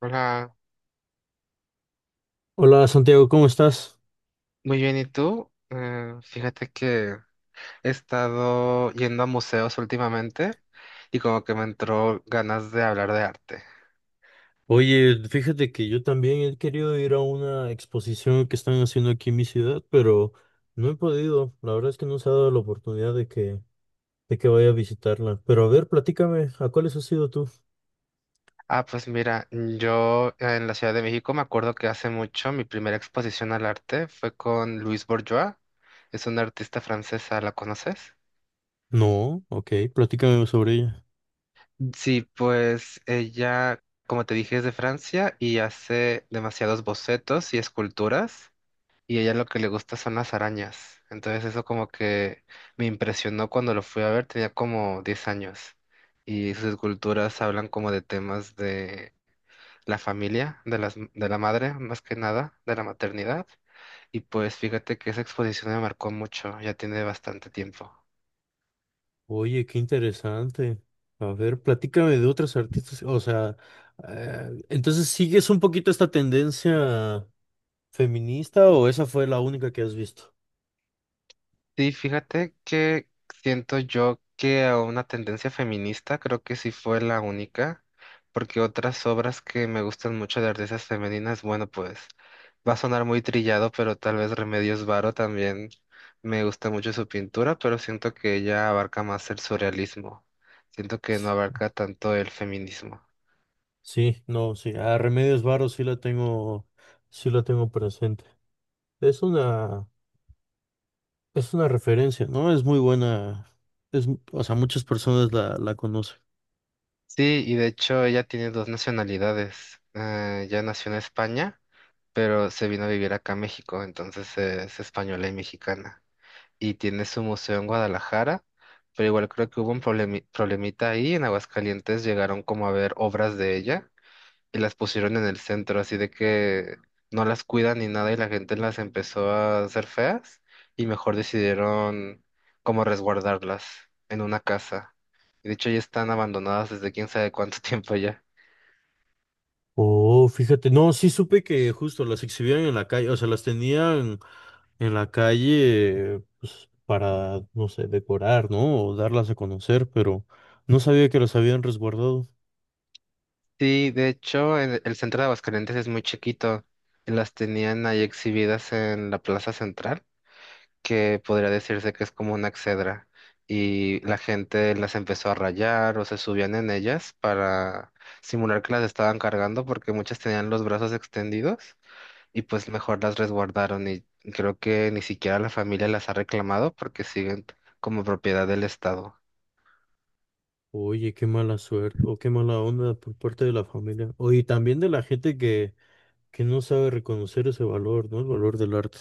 Hola, Hola Santiago, ¿cómo estás? muy bien, ¿y tú? Fíjate que he estado yendo a museos últimamente y como que me entró ganas de hablar de arte. Oye, fíjate que yo también he querido ir a una exposición que están haciendo aquí en mi ciudad, pero no he podido. La verdad es que no se ha dado la oportunidad de que vaya a visitarla. Pero a ver, platícame, ¿a cuáles has ido tú? Ah, pues mira, yo en la Ciudad de México me acuerdo que hace mucho mi primera exposición al arte fue con Louise Bourgeois, es una artista francesa, ¿la conoces? No, ok, platícame sobre ella. Sí, pues ella, como te dije, es de Francia y hace demasiados bocetos y esculturas. Y a ella lo que le gusta son las arañas. Entonces eso como que me impresionó cuando lo fui a ver, tenía como 10 años y sus esculturas hablan como de temas de la familia, de las, de la madre más que nada, de la maternidad. Y pues fíjate que esa exposición me marcó mucho, ya tiene bastante tiempo. Oye, qué interesante. A ver, platícame de otras artistas. O sea, entonces, ¿sigues un poquito esta tendencia feminista o esa fue la única que has visto? Sí, fíjate que siento yo que a una tendencia feminista creo que sí fue la única, porque otras obras que me gustan mucho de artistas femeninas, bueno, pues va a sonar muy trillado, pero tal vez Remedios Varo también me gusta mucho su pintura, pero siento que ella abarca más el surrealismo, siento que no abarca tanto el feminismo. Sí, no, sí, a Remedios Varo sí la tengo presente. Es una, es una referencia, ¿no? Es muy buena, es, o sea, muchas personas la conocen. Sí, y de hecho ella tiene dos nacionalidades, ella nació en España pero se vino a vivir acá a México, entonces es española y mexicana. Y tiene su museo en Guadalajara, pero igual creo que hubo un problemita ahí. En Aguascalientes llegaron como a ver obras de ella y las pusieron en el centro, así de que no las cuidan ni nada y la gente las empezó a hacer feas y mejor decidieron como resguardarlas en una casa. Y de hecho ya están abandonadas desde quién sabe cuánto tiempo ya. Oh, fíjate, no, sí supe que justo las exhibían en la calle, o sea, las tenían en la calle, pues, para, no sé, decorar, ¿no? O darlas a conocer, pero no sabía que las habían resguardado. Sí, de hecho, el centro de Aguascalientes es muy chiquito. Las tenían ahí exhibidas en la plaza central, que podría decirse que es como una exedra. Y la gente las empezó a rayar o se subían en ellas para simular que las estaban cargando, porque muchas tenían los brazos extendidos y pues mejor las resguardaron. Y creo que ni siquiera la familia las ha reclamado porque siguen como propiedad del Estado. Oye, qué mala suerte, o qué mala onda por parte de la familia. Oye, y también de la gente que no sabe reconocer ese valor, ¿no? El valor del arte.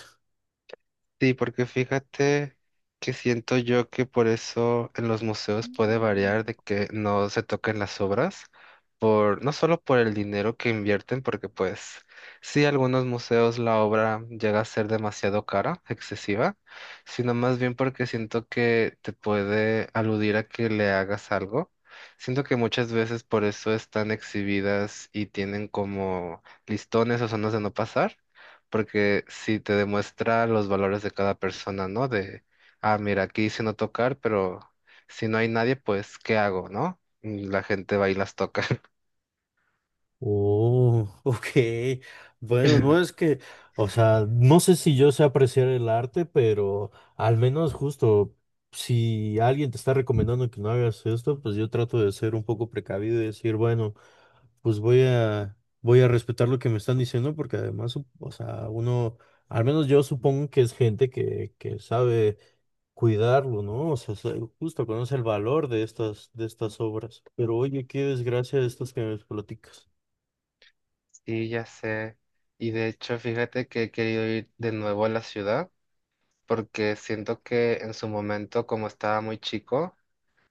Sí, porque fíjate que siento yo que por eso en los museos puede variar de que no se toquen las obras, por, no solo por el dinero que invierten, porque pues sí, algunos museos la obra llega a ser demasiado cara, excesiva, sino más bien porque siento que te puede aludir a que le hagas algo. Siento que muchas veces por eso están exhibidas y tienen como listones o zonas de no pasar porque sí te demuestra los valores de cada persona, ¿no? De, ah, mira, aquí dice no tocar, pero si no hay nadie, pues, ¿qué hago, no? Y la gente va y las toca. Oh, ok. Bueno, no es que, o sea, no sé si yo sé apreciar el arte, pero al menos justo, si alguien te está recomendando que no hagas esto, pues yo trato de ser un poco precavido y decir, bueno, pues voy a respetar lo que me están diciendo, porque además, o sea, uno, al menos yo supongo que es gente que sabe cuidarlo, ¿no? O sea, se- justo conoce el valor de de estas obras. Pero oye, qué desgracia de estas que me platicas. Sí, ya sé. Y de hecho, fíjate que he querido ir de nuevo a la ciudad porque siento que en su momento, como estaba muy chico,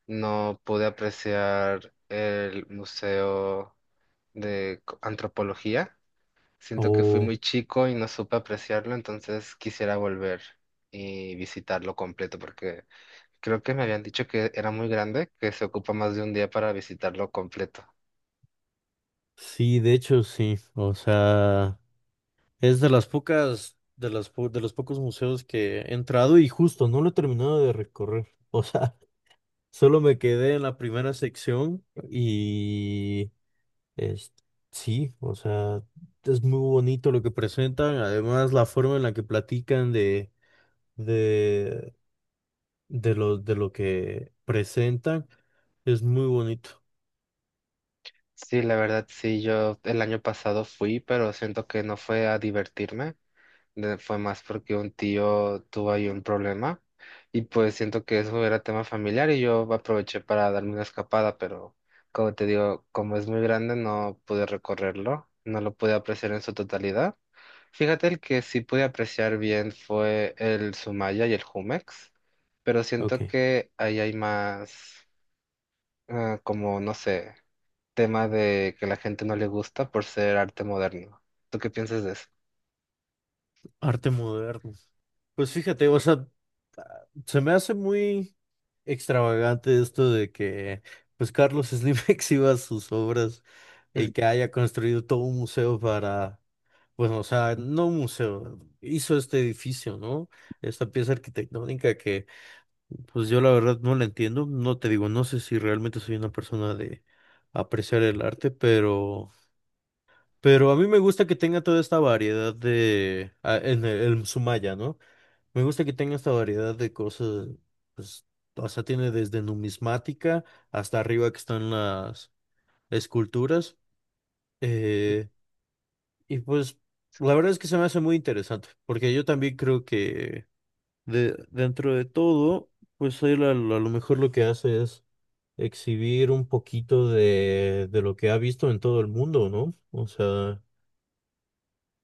no pude apreciar el Museo de Antropología. Siento que fui Oh, muy chico y no supe apreciarlo, entonces quisiera volver y visitarlo completo, porque creo que me habían dicho que era muy grande, que se ocupa más de un día para visitarlo completo. sí, de hecho sí. O sea, es de las pocas, de las po- de los pocos museos que he entrado y justo no lo he terminado de recorrer. O sea, solo me quedé en la primera sección y es, sí, o sea, es muy bonito lo que presentan. Además, la forma en la que platican de de lo que presentan es muy bonito. Sí, la verdad, sí, yo el año pasado fui, pero siento que no fue a divertirme, fue más porque un tío tuvo ahí un problema y pues siento que eso era tema familiar y yo aproveché para darme una escapada, pero como te digo, como es muy grande, no pude recorrerlo, no lo pude apreciar en su totalidad. Fíjate, el que sí pude apreciar bien fue el Sumaya y el Jumex, pero siento Ok. que ahí hay más, ah, como, no sé, tema de que la gente no le gusta por ser arte moderno. ¿Tú qué piensas de eso? Arte moderno. Pues fíjate, o sea, se me hace muy extravagante esto de que pues Carlos Slim exhiba sus obras y que haya construido todo un museo para, bueno, o sea, no un museo, hizo este edificio, ¿no? Esta pieza arquitectónica que pues yo la verdad no la entiendo, no te digo, no sé si realmente soy una persona de apreciar el arte, pero a mí me gusta que tenga toda esta variedad de... en Sumaya, ¿no? Me gusta que tenga esta variedad de cosas, pues, o sea, tiene desde numismática hasta arriba que están las esculturas. eh, y pues, la verdad es que se me hace muy interesante, porque yo también creo que dentro de todo, pues él a lo mejor lo que hace es exhibir un poquito de lo que ha visto en todo el mundo, ¿no? O sea...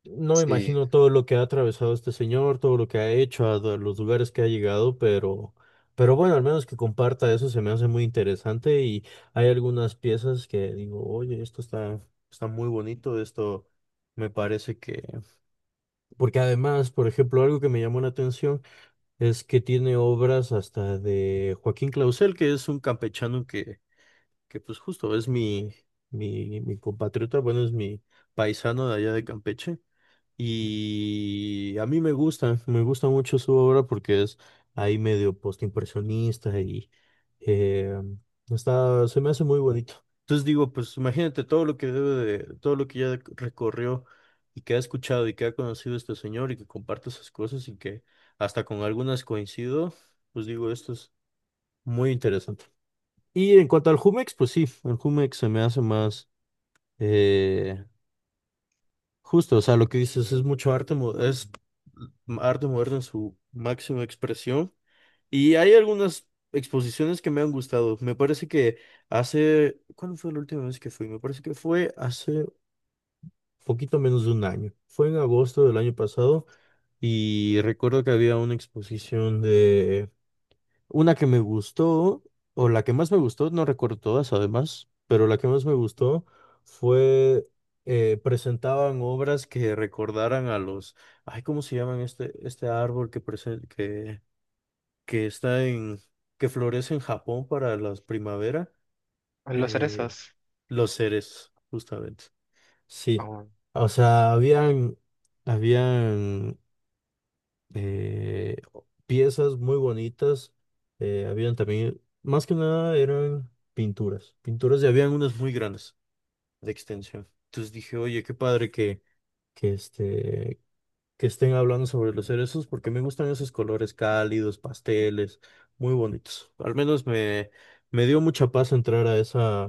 No me Sí, imagino todo lo que ha atravesado este señor, todo lo que ha hecho, a do- los lugares que ha llegado, pero bueno, al menos que comparta eso se me hace muy interesante y hay algunas piezas que digo, oye, esto está, está muy bonito, esto me parece que... Porque además, por ejemplo, algo que me llamó la atención es que tiene obras hasta de Joaquín Clausel, que es un campechano que pues justo es mi compatriota, bueno, es mi paisano de allá de Campeche. Y a mí me gusta mucho su obra porque es ahí medio postimpresionista y eh, está, se me hace muy bonito. Entonces digo, pues imagínate todo lo que debe de, todo lo que ya recorrió y que ha escuchado y que ha conocido este señor y que comparte esas cosas y que hasta con algunas coincido, pues digo, esto es muy interesante. Y en cuanto al Jumex, pues sí, el Jumex se me hace eh, justo, o sea, lo que dices es mucho arte, mo- es arte moderno en su máxima expresión. Y hay algunas exposiciones que me han gustado. Me parece que hace, ¿cuándo fue la última vez que fui? Me parece que fue hace poquito menos de un año. Fue en agosto del año pasado y recuerdo que había una exposición de una que me gustó, o la que más me gustó, no recuerdo todas además, pero la que más me gustó fue, presentaban obras que recordaran a los, ay, ¿cómo se llaman este árbol que está en, que florece en Japón para la primavera? los Eh, cerezos. los seres, justamente. Sí, Oh, o sea, habían eh, piezas muy bonitas. Habían también, más que nada eran pinturas, pinturas y habían unas muy grandes de extensión. Entonces dije, oye, qué padre que, este, que estén hablando sobre los cerezos porque me gustan esos colores cálidos, pasteles, muy bonitos. Me dio mucha paz entrar a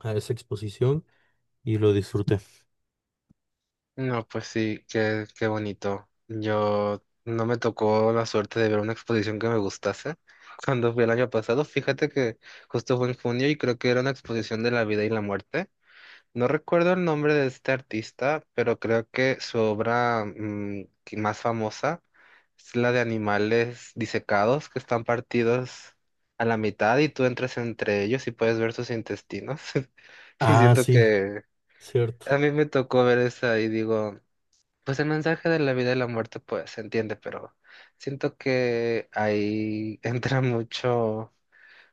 a esa exposición y lo disfruté. no, pues sí, qué, qué bonito. Yo no me tocó la suerte de ver una exposición que me gustase. Cuando fui el año pasado, fíjate que justo fue en junio y creo que era una exposición de la vida y la muerte. No recuerdo el nombre de este artista, pero creo que su obra que más famosa es la de animales disecados que están partidos a la mitad y tú entras entre ellos y puedes ver sus intestinos. Y Ah, siento sí, que cierto. a mí me tocó ver esa y digo, pues el mensaje de la vida y la muerte pues se entiende, pero siento que ahí entra mucho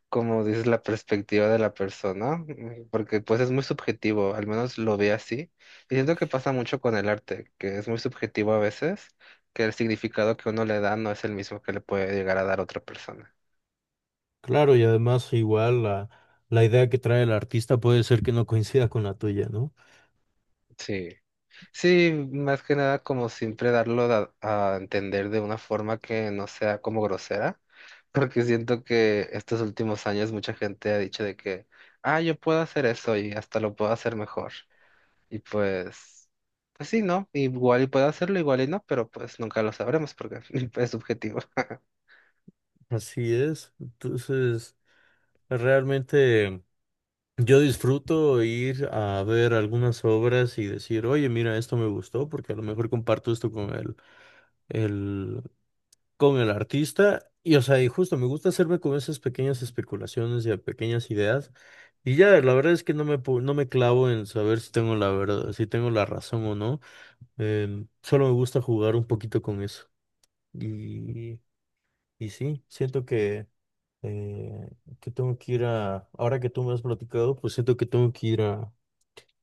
como dices, la perspectiva de la persona, porque pues es muy subjetivo, al menos lo ve así. Y siento que pasa mucho con el arte, que es muy subjetivo a veces, que el significado que uno le da no es el mismo que le puede llegar a dar otra persona. Claro, y además igual la idea que trae el artista puede ser que no coincida con la tuya, ¿no? Sí, sí, más que nada como siempre darlo a entender de una forma que no sea como grosera, porque siento que estos últimos años mucha gente ha dicho de que, ah, yo puedo hacer eso y hasta lo puedo hacer mejor. Y pues, pues sí, ¿no? Igual y puede hacerlo, igual y no, pero pues nunca lo sabremos porque es subjetivo. Así es. Entonces, realmente yo disfruto ir a ver algunas obras y decir, oye, mira, esto me gustó, porque a lo mejor comparto esto con el, con el artista. Y, o sea, y justo me gusta hacerme con esas pequeñas especulaciones y a pequeñas ideas. Y ya, la verdad es que no me clavo en saber si tengo la verdad, si tengo la razón o no. El- solo me gusta jugar un poquito con eso. Y, y sí, siento eh, que tengo que ir a, ahora que tú me has platicado, pues siento que tengo que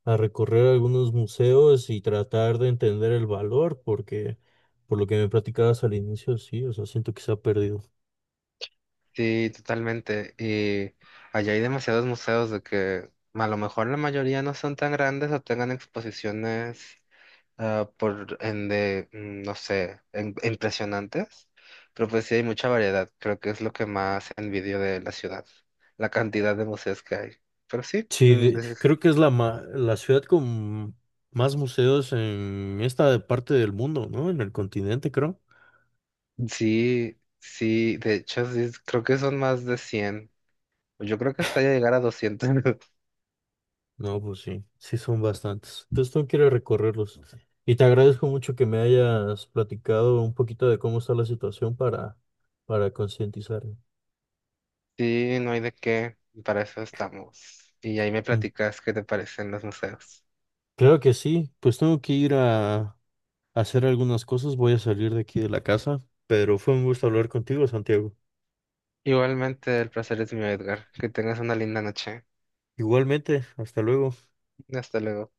a recorrer algunos museos y tratar de entender el valor, porque por lo que me platicabas al inicio, sí, o sea, siento que se ha perdido. Sí, totalmente. Y allá hay demasiados museos de que a lo mejor la mayoría no son tan grandes o tengan exposiciones ah, por en de, no sé, impresionantes. Pero pues sí hay mucha variedad. Creo que es lo que más envidio de la ciudad, la cantidad de museos que hay. Pero sí, Sí, mm. de- creo que es la, ma- la ciudad con más museos en esta parte del mundo, ¿no? En el continente, creo. Sí, sí, de hecho, sí, creo que son más de 100. Yo creo que hasta llegar a 200. No, pues sí, sí son bastantes. Entonces tengo que ir a recorrerlos. Y te agradezco mucho que me hayas platicado un poquito de cómo está la situación para concientizar. Sí, no hay de qué, para eso estamos. Y ahí me Mm, platicas qué te parecen los museos. claro que sí, pues tengo que a hacer algunas cosas, voy a salir de aquí de la casa, pero fue un gusto hablar contigo, Santiago. Igualmente, el placer es mío, Edgar. Que tengas una linda noche. Igualmente, hasta luego. Hasta luego.